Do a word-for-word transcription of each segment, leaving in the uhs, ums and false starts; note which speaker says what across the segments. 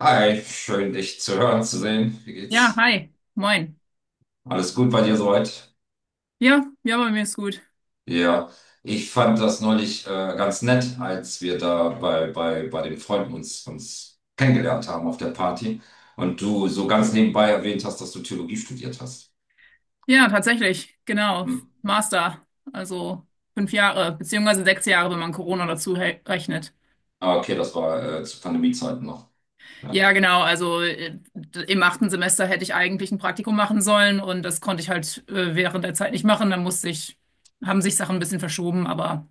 Speaker 1: Hi, schön dich zu hören, zu sehen. Wie
Speaker 2: Ja,
Speaker 1: geht's?
Speaker 2: hi, moin.
Speaker 1: Alles gut bei dir soweit?
Speaker 2: Ja, ja, bei mir ist gut.
Speaker 1: Ja, ich fand das neulich äh, ganz nett, als wir da bei, bei, bei den Freunden uns, uns kennengelernt haben auf der Party und du so ganz nebenbei erwähnt hast, dass du Theologie studiert hast.
Speaker 2: Ja, tatsächlich, genau.
Speaker 1: Hm.
Speaker 2: Master, also fünf Jahre, beziehungsweise sechs Jahre, wenn man Corona dazu he- rechnet.
Speaker 1: Ah, okay, das war äh, zu Pandemiezeiten noch. Ja.
Speaker 2: Ja, genau, also äh, d- im achten Semester hätte ich eigentlich ein Praktikum machen sollen und das konnte ich halt äh, während der Zeit nicht machen. Dann musste ich, haben sich Sachen ein bisschen verschoben, aber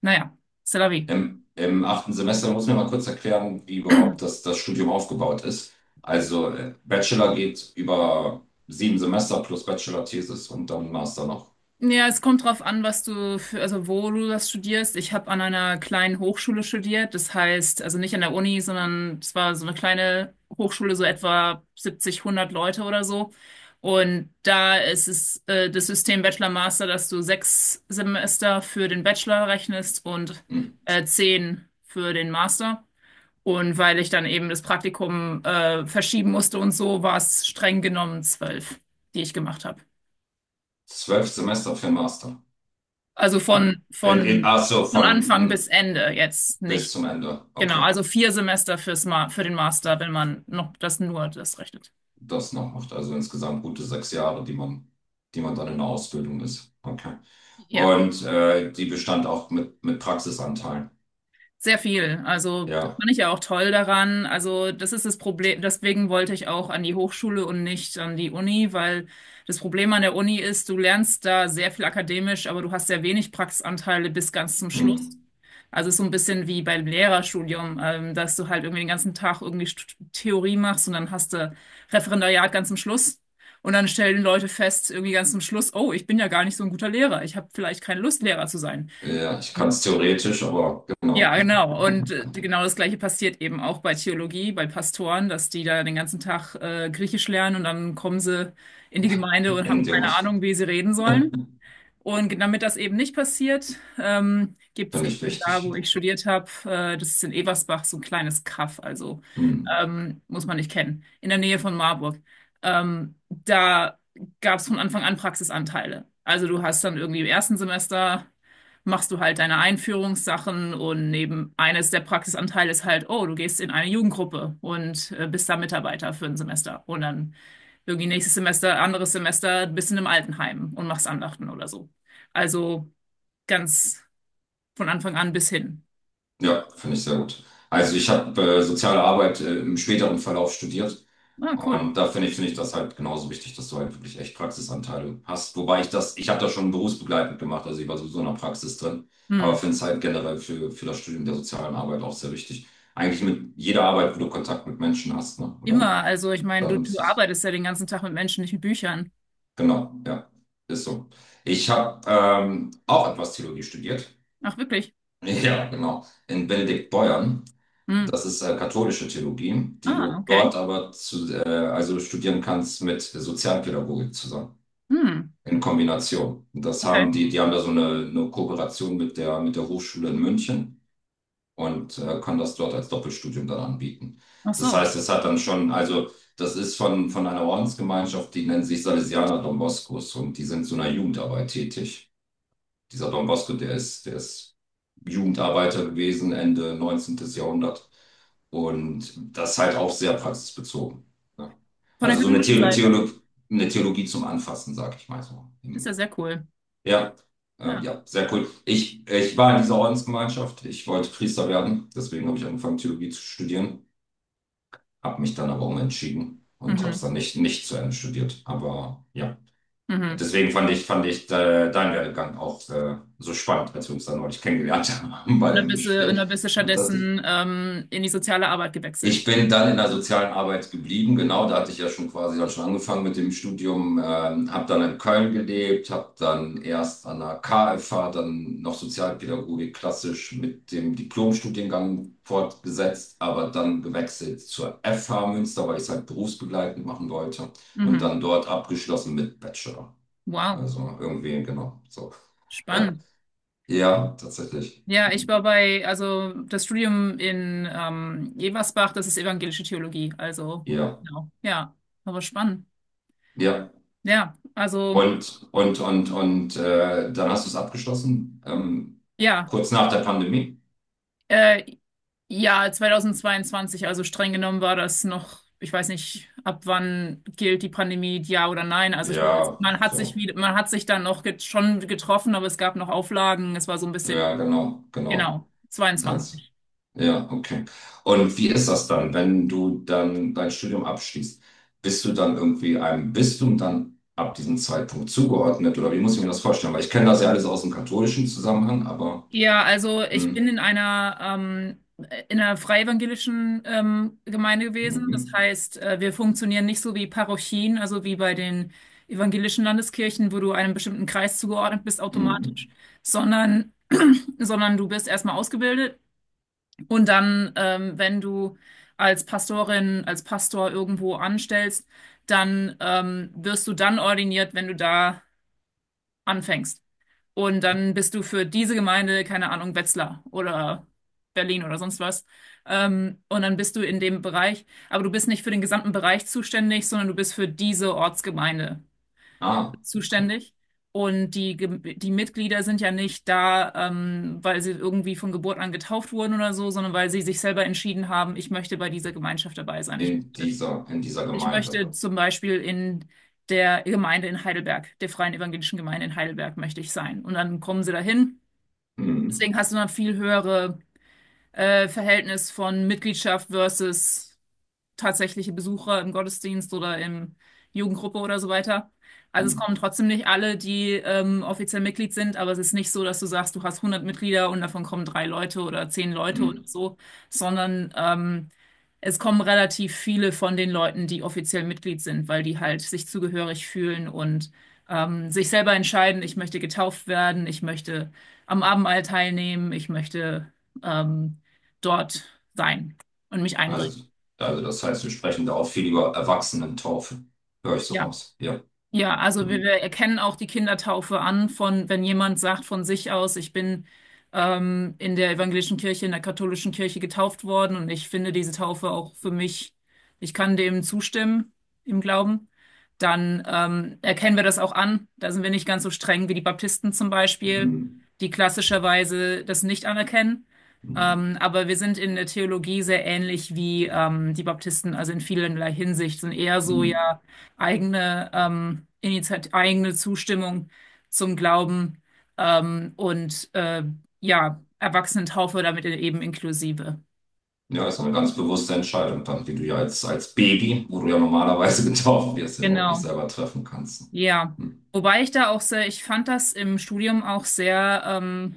Speaker 2: naja, c'est la vie.
Speaker 1: Im, Im achten Semester muss mir mal kurz erklären, wie überhaupt das, das Studium aufgebaut ist. Also äh, Bachelor geht über sieben Semester plus Bachelor-Thesis und dann Master noch.
Speaker 2: Ja, es kommt drauf an, was du, für, also wo du das studierst. Ich habe an einer kleinen Hochschule studiert. Das heißt, also nicht an der Uni, sondern es war so eine kleine Hochschule, so etwa siebzig, hundert Leute oder so. Und da ist es äh, das System Bachelor Master, dass du sechs Semester für den Bachelor rechnest und
Speaker 1: Hm.
Speaker 2: äh, zehn für den Master. Und weil ich dann eben das Praktikum äh, verschieben musste und so, war es streng genommen zwölf, die ich gemacht habe.
Speaker 1: Zwölf Semester für Master.
Speaker 2: Also
Speaker 1: Ja.
Speaker 2: von,
Speaker 1: In, in,
Speaker 2: von,
Speaker 1: ach so,
Speaker 2: von
Speaker 1: von
Speaker 2: Anfang
Speaker 1: hm,
Speaker 2: bis Ende jetzt
Speaker 1: bis
Speaker 2: nicht.
Speaker 1: zum Ende.
Speaker 2: Genau,
Speaker 1: Okay.
Speaker 2: also vier Semester fürs Ma für den Master, wenn man noch das nur das rechnet.
Speaker 1: Das noch macht. Also insgesamt gute sechs Jahre, die man, die man dann in der Ausbildung ist. Okay.
Speaker 2: Ja,
Speaker 1: Und äh, die bestand auch mit, mit Praxisanteilen.
Speaker 2: sehr viel. Also das
Speaker 1: Ja.
Speaker 2: fand ich ja auch toll daran. Also das ist das Problem. Deswegen wollte ich auch an die Hochschule und nicht an die Uni, weil das Problem an der Uni ist, du lernst da sehr viel akademisch, aber du hast sehr wenig Praxisanteile bis ganz zum
Speaker 1: Hm.
Speaker 2: Schluss. Also ist so ein bisschen wie beim Lehrerstudium, ähm, dass du halt irgendwie den ganzen Tag irgendwie St- Theorie machst und dann hast du Referendariat ganz am Schluss. Und dann stellen Leute fest, irgendwie ganz am Schluss, oh, ich bin ja gar nicht so ein guter Lehrer. Ich habe vielleicht keine Lust, Lehrer zu sein.
Speaker 1: Ja, ich kann
Speaker 2: Hm?
Speaker 1: es theoretisch, aber genau.
Speaker 2: Ja, genau. Und äh, genau das Gleiche passiert eben auch bei Theologie, bei Pastoren, dass die da den ganzen Tag äh, Griechisch lernen und dann kommen sie in die Gemeinde und
Speaker 1: In
Speaker 2: haben
Speaker 1: dem
Speaker 2: keine
Speaker 1: Moment
Speaker 2: Ahnung, wie sie reden sollen. Und damit das eben nicht passiert, ähm, gibt es
Speaker 1: finde ich
Speaker 2: eben da,
Speaker 1: wichtig.
Speaker 2: wo ich studiert habe, äh, das ist in Eversbach, so ein kleines Kaff, also
Speaker 1: Hm.
Speaker 2: ähm, muss man nicht kennen, in der Nähe von Marburg. Ähm, da gab es von Anfang an Praxisanteile. Also du hast dann irgendwie im ersten Semester machst du halt deine Einführungssachen und neben eines der Praxisanteile ist halt, oh, du gehst in eine Jugendgruppe und äh, bist da Mitarbeiter für ein Semester. Und dann irgendwie nächstes Semester, anderes Semester, bist in einem Altenheim und machst Andachten oder so. Also ganz von Anfang an bis hin.
Speaker 1: Ja, finde ich sehr gut. Also ich habe äh, soziale Arbeit äh, im späteren Verlauf studiert.
Speaker 2: Ah, cool.
Speaker 1: Und da finde ich, finde ich das halt genauso wichtig, dass du halt wirklich echt Praxisanteile hast. Wobei ich das, ich habe das schon berufsbegleitend gemacht, also ich war sowieso in der Praxis drin, aber
Speaker 2: Hm.
Speaker 1: finde es halt generell für, für das Studium der sozialen Arbeit auch sehr wichtig. Eigentlich mit jeder Arbeit, wo du Kontakt mit Menschen hast, ne? Oder
Speaker 2: Immer. Also ich meine, du,
Speaker 1: darum
Speaker 2: du
Speaker 1: ist es.
Speaker 2: arbeitest ja den ganzen Tag mit Menschen, nicht mit Büchern.
Speaker 1: Genau, ja, ist so. Ich habe ähm, auch etwas Theologie studiert.
Speaker 2: Ach, wirklich?
Speaker 1: Ja, genau. In Benediktbeuern.
Speaker 2: Hm.
Speaker 1: Das ist äh, katholische Theologie, die
Speaker 2: Ah,
Speaker 1: du
Speaker 2: okay.
Speaker 1: dort aber zu, äh, also studieren kannst mit Sozialpädagogik zusammen.
Speaker 2: Hm.
Speaker 1: In Kombination. Und das
Speaker 2: Okay.
Speaker 1: haben die, die haben da so eine, eine Kooperation mit der, mit der Hochschule in München und äh, können das dort als Doppelstudium dann anbieten.
Speaker 2: Ach
Speaker 1: Das
Speaker 2: so.
Speaker 1: heißt, es hat dann schon, also das ist von, von einer Ordensgemeinschaft, die nennen sich Salesianer Don Boscos und die sind so einer Jugendarbeit tätig. Dieser Don Bosco, der ist, der ist Jugendarbeiter gewesen, Ende neunzehntes Jahrhundert. Und das ist halt auch sehr praxisbezogen. Ne?
Speaker 2: Von der
Speaker 1: Also so eine
Speaker 2: katholischen
Speaker 1: Theolo
Speaker 2: Seite. auch.
Speaker 1: Theolo eine Theologie zum Anfassen, sag ich mal so.
Speaker 2: Das ist ja
Speaker 1: Im-
Speaker 2: sehr cool.
Speaker 1: ja, ähm,
Speaker 2: Ja.
Speaker 1: ja, sehr cool. Ich, ich war in dieser Ordensgemeinschaft. Ich wollte Priester werden. Deswegen habe ich angefangen, Theologie zu studieren. Habe mich dann aber umentschieden und habe es
Speaker 2: Mhm.
Speaker 1: dann nicht, nicht zu Ende studiert. Aber ja,
Speaker 2: Mhm.
Speaker 1: deswegen fand ich, fand ich äh, deinen Werdegang auch äh, so spannend, als wir uns dann neulich kennengelernt haben bei
Speaker 2: Und dann
Speaker 1: dem
Speaker 2: bist du, und dann
Speaker 1: Gespräch.
Speaker 2: bist du
Speaker 1: Und dachte,
Speaker 2: stattdessen ähm, in die soziale Arbeit gewechselt.
Speaker 1: Ich bin dann in der sozialen Arbeit geblieben, genau, da hatte ich ja schon quasi dann schon angefangen mit dem Studium, ähm, habe dann in Köln gelebt, habe dann erst an der K F H, dann noch Sozialpädagogik klassisch mit dem Diplomstudiengang fortgesetzt, aber dann gewechselt zur F H Münster, weil ich es halt berufsbegleitend machen wollte und
Speaker 2: Mhm.
Speaker 1: dann dort abgeschlossen mit Bachelor.
Speaker 2: Wow.
Speaker 1: Also irgendwie, genau, so.
Speaker 2: Spannend.
Speaker 1: Ja, tatsächlich.
Speaker 2: Ja, ich war
Speaker 1: Mhm.
Speaker 2: bei, also das Studium in ähm, Eversbach, das ist evangelische Theologie. Also,
Speaker 1: Ja,
Speaker 2: genau. Ja, aber spannend.
Speaker 1: ja.
Speaker 2: Ja, also
Speaker 1: Und, und, und, und äh, dann hast du es abgeschlossen, ähm,
Speaker 2: ja,
Speaker 1: kurz nach der Pandemie.
Speaker 2: äh, ja, zwanzig zweiundzwanzig, also streng genommen war das noch, ich weiß nicht, ab wann gilt die Pandemie, ja oder nein. Also ich meine, es-
Speaker 1: Ja,
Speaker 2: man hat sich
Speaker 1: so.
Speaker 2: wieder, man hat sich dann noch get schon getroffen, aber es gab noch Auflagen. Es war so ein bisschen,
Speaker 1: Ja, genau, genau.
Speaker 2: genau,
Speaker 1: Satz.
Speaker 2: zweiundzwanzig.
Speaker 1: Ja, okay. Und wie ist das dann, wenn du dann dein Studium abschließt? Bist du dann irgendwie einem Bistum dann ab diesem Zeitpunkt zugeordnet? Oder wie muss ich mir das vorstellen? Weil ich kenne das ja alles aus dem katholischen Zusammenhang, aber
Speaker 2: Ja, also ich bin
Speaker 1: hm,
Speaker 2: in einer, ähm, in einer freievangelischen ähm, Gemeinde gewesen.
Speaker 1: mhm,
Speaker 2: Das heißt, äh, wir funktionieren nicht so wie Parochien, also wie bei den evangelischen Landeskirchen, wo du einem bestimmten Kreis zugeordnet bist automatisch,
Speaker 1: mhm.
Speaker 2: sondern, sondern du bist erstmal ausgebildet und dann, ähm, wenn du als Pastorin, als Pastor irgendwo anstellst, dann ähm, wirst du dann ordiniert, wenn du da anfängst. Und dann bist du für diese Gemeinde, keine Ahnung, Wetzlar oder Berlin oder sonst was. Ähm, und dann bist du in dem Bereich, aber du bist nicht für den gesamten Bereich zuständig, sondern du bist für diese Ortsgemeinde
Speaker 1: Ah,
Speaker 2: zuständig. Und die, Gem- die Mitglieder sind ja nicht da, ähm, weil sie irgendwie von Geburt an getauft wurden oder so, sondern weil sie sich selber entschieden haben, ich möchte bei dieser Gemeinschaft dabei sein. Ich,
Speaker 1: in dieser, in dieser
Speaker 2: ich
Speaker 1: Gemeinde.
Speaker 2: möchte zum Beispiel in der Gemeinde in Heidelberg, der Freien Evangelischen Gemeinde in Heidelberg, möchte ich sein. Und dann kommen sie dahin.
Speaker 1: Mhm,
Speaker 2: Deswegen hast du noch ein viel höhere äh, Verhältnis von Mitgliedschaft versus tatsächliche Besucher im Gottesdienst oder in Jugendgruppe oder so weiter. Also es
Speaker 1: mhm,
Speaker 2: kommen trotzdem nicht alle, die ähm, offiziell Mitglied sind, aber es ist nicht so, dass du sagst, du hast hundert Mitglieder und davon kommen drei Leute oder zehn Leute oder
Speaker 1: mhm.
Speaker 2: so, sondern ähm, es kommen relativ viele von den Leuten, die offiziell Mitglied sind, weil die halt sich zugehörig fühlen und ähm, sich selber entscheiden, ich möchte getauft werden, ich möchte am Abendmahl teilnehmen, ich möchte ähm, dort sein und mich einbringen.
Speaker 1: Also, also das heißt, wir sprechen da auch viel über Erwachsenentaufe. Höre ich so
Speaker 2: Ja.
Speaker 1: raus. Ja.
Speaker 2: Ja, also wir,
Speaker 1: Hm,
Speaker 2: wir erkennen auch die Kindertaufe an, von wenn jemand sagt von sich aus, ich bin ähm, in der evangelischen Kirche, in der katholischen Kirche getauft worden und ich finde diese Taufe auch für mich, ich kann dem zustimmen im Glauben, dann ähm, erkennen wir das auch an. Da sind wir nicht ganz so streng wie die Baptisten zum Beispiel,
Speaker 1: hm,
Speaker 2: die klassischerweise das nicht anerkennen.
Speaker 1: hm,
Speaker 2: Ähm, aber wir sind in der Theologie sehr ähnlich wie ähm, die Baptisten, also in vielerlei Hinsicht, sind eher so
Speaker 1: hm.
Speaker 2: ja eigene ähm, Initiat eigene Zustimmung zum Glauben ähm, und äh, ja, Erwachsenentaufe damit eben inklusive.
Speaker 1: Ja, ist eine ganz bewusste Entscheidung dann, die du ja als, als Baby, wo du ja normalerweise getauft wirst, ja überhaupt nicht
Speaker 2: Genau,
Speaker 1: selber treffen kannst.
Speaker 2: ja.
Speaker 1: Hm,
Speaker 2: Wobei ich da auch sehr, ich fand das im Studium auch sehr, ähm,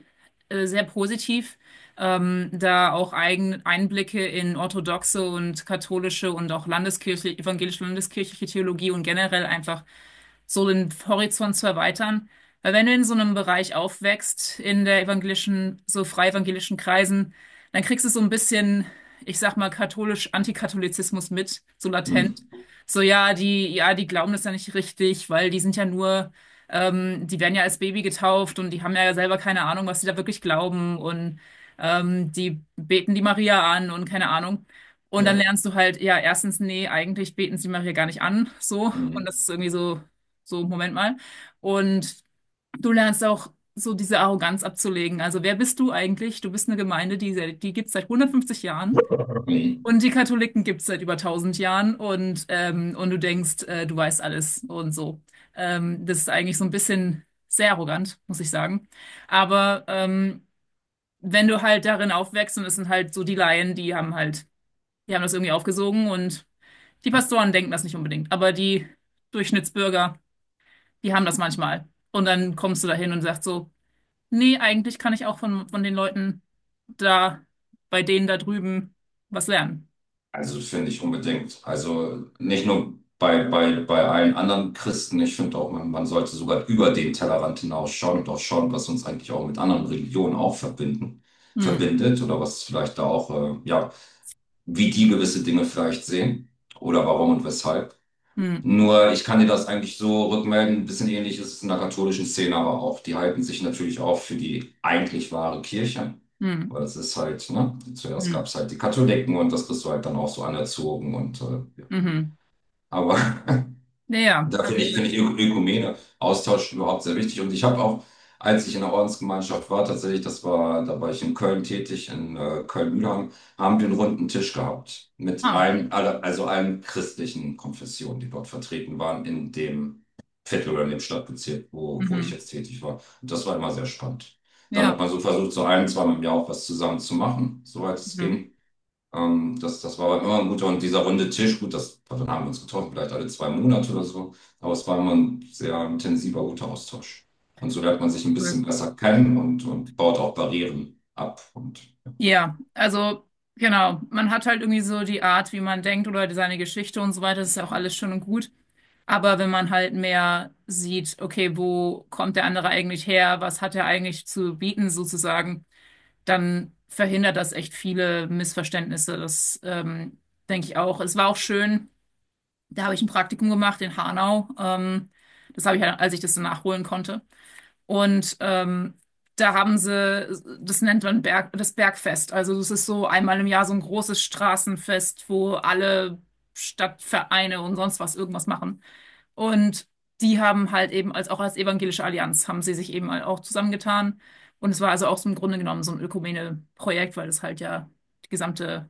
Speaker 2: äh, sehr positiv, ähm, da auch eigene Einblicke in orthodoxe und katholische und auch landeskirchliche, evangelische landeskirchliche Theologie und generell einfach so den Horizont zu erweitern. Weil wenn du in so einem Bereich aufwächst, in der evangelischen, so frei evangelischen Kreisen, dann kriegst du so ein bisschen, ich sag mal, katholisch Antikatholizismus mit, so latent.
Speaker 1: hm,
Speaker 2: So, ja, die, ja, die glauben das ja nicht richtig, weil die sind ja nur, ähm, die werden ja als Baby getauft und die haben ja selber keine Ahnung, was sie da wirklich glauben und ähm, die beten die Maria an und keine Ahnung. Und dann
Speaker 1: ja.
Speaker 2: lernst du halt, ja, erstens, nee, eigentlich beten sie Maria gar nicht an, so. Und
Speaker 1: Hm,
Speaker 2: das ist irgendwie so so, Moment mal. Und du lernst auch so diese Arroganz abzulegen. Also, wer bist du eigentlich? Du bist eine Gemeinde, die, se- die gibt es seit hundertfünfzig Jahren
Speaker 1: hm.
Speaker 2: und die Katholiken gibt es seit über tausend Jahren und, ähm, und du denkst, äh, du weißt alles und so. Ähm, das ist eigentlich so ein bisschen sehr arrogant, muss ich sagen. Aber ähm, wenn du halt darin aufwächst und es sind halt so die Laien, die haben halt, die haben das irgendwie aufgesogen und die Pastoren denken das nicht unbedingt, aber die Durchschnittsbürger die haben das manchmal. Und dann kommst du da hin und sagst so, nee, eigentlich kann ich auch von, von den Leuten da, bei denen da drüben was lernen.
Speaker 1: Also das finde ich unbedingt. Also nicht nur bei, bei, bei allen anderen Christen. Ich finde auch, man, man sollte sogar über den Tellerrand hinausschauen und auch schauen, was uns eigentlich auch mit anderen Religionen auch verbinden,
Speaker 2: Hm,
Speaker 1: verbindet oder was vielleicht da auch, äh, ja, wie die gewisse Dinge vielleicht sehen oder warum und weshalb.
Speaker 2: hm,
Speaker 1: Nur ich kann dir das eigentlich so rückmelden, ein bisschen ähnlich ist es in der katholischen Szene aber auch. Die halten sich natürlich auch für die eigentlich wahre Kirche.
Speaker 2: hm,
Speaker 1: Weil es ist halt, ne, zuerst
Speaker 2: hm,
Speaker 1: gab es halt die Katholiken und das bist du halt dann auch so anerzogen und äh, ja.
Speaker 2: mhm.
Speaker 1: Aber
Speaker 2: Ja, ja,
Speaker 1: da finde ich,
Speaker 2: also,
Speaker 1: finde ich Ö- Ökumene, Austausch überhaupt sehr wichtig. Und ich habe auch, als ich in der Ordensgemeinschaft war, tatsächlich, das war, da war ich in Köln tätig, in äh, Köln-Mülheim, haben wir einen runden Tisch gehabt mit
Speaker 2: ah,
Speaker 1: allen, alle, also allen christlichen Konfessionen, die dort vertreten waren, in dem Viertel oder in dem Stadtbezirk, wo, wo ich
Speaker 2: mhm,
Speaker 1: jetzt tätig war. Und das war immer sehr spannend. Dann hat
Speaker 2: ja,
Speaker 1: man so versucht, so ein, zweimal im Jahr auch was zusammen zu machen, soweit es
Speaker 2: mhm,
Speaker 1: ging. Ähm, das, das war aber immer ein guter und dieser runde Tisch, gut, das, dann haben wir uns getroffen, vielleicht alle zwei Monate oder so, aber es war immer ein sehr intensiver, guter Austausch. Und so lernt man sich ein
Speaker 2: cool.
Speaker 1: bisschen besser kennen und, und, baut auch Barrieren ab. Und,
Speaker 2: Ja, also, genau, man hat halt irgendwie so die Art, wie man denkt oder seine Geschichte und so weiter, das ist ja auch alles schön und gut. Aber wenn man halt mehr sieht, okay, wo kommt der andere eigentlich her, was hat er eigentlich zu bieten sozusagen, dann verhindert das echt viele Missverständnisse. Das ähm, denke ich auch. Es war auch schön, da habe ich ein Praktikum gemacht in Hanau. Ähm, das habe ich, ja, als ich das dann nachholen konnte. Und ähm, da haben sie, das nennt man Berg, das Bergfest. Also das ist so einmal im Jahr so ein großes Straßenfest, wo alle Stadtvereine und sonst was irgendwas machen. Und die haben halt eben als auch als Evangelische Allianz haben sie sich eben halt auch zusammengetan. Und es war also auch so im Grunde genommen so ein Ökumene-Projekt, weil es halt ja die gesamte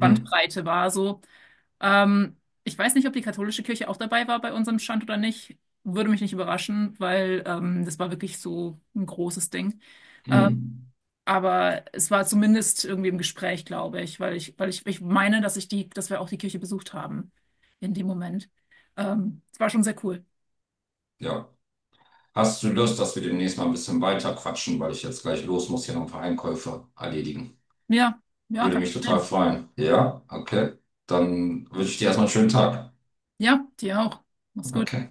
Speaker 1: hm,
Speaker 2: war so. Ähm, ich weiß nicht, ob die katholische Kirche auch dabei war bei unserem Stand oder nicht. Würde mich nicht überraschen, weil ähm, das war wirklich so ein großes Ding. Äh,
Speaker 1: hm,
Speaker 2: aber es war zumindest irgendwie im Gespräch, glaube ich, weil ich, weil ich, ich meine, dass ich die, dass wir auch die Kirche besucht haben in dem Moment. Ähm, es war schon sehr cool.
Speaker 1: ja. Hast du Lust, dass wir demnächst mal ein bisschen weiter quatschen, weil ich jetzt gleich los muss, hier noch ein paar Einkäufe erledigen?
Speaker 2: Ja, ja,
Speaker 1: Würde
Speaker 2: kein
Speaker 1: mich total
Speaker 2: Problem.
Speaker 1: freuen. Ja, okay. Dann wünsche ich dir erstmal einen schönen Tag.
Speaker 2: Ja, dir auch. Mach's gut.
Speaker 1: Okay.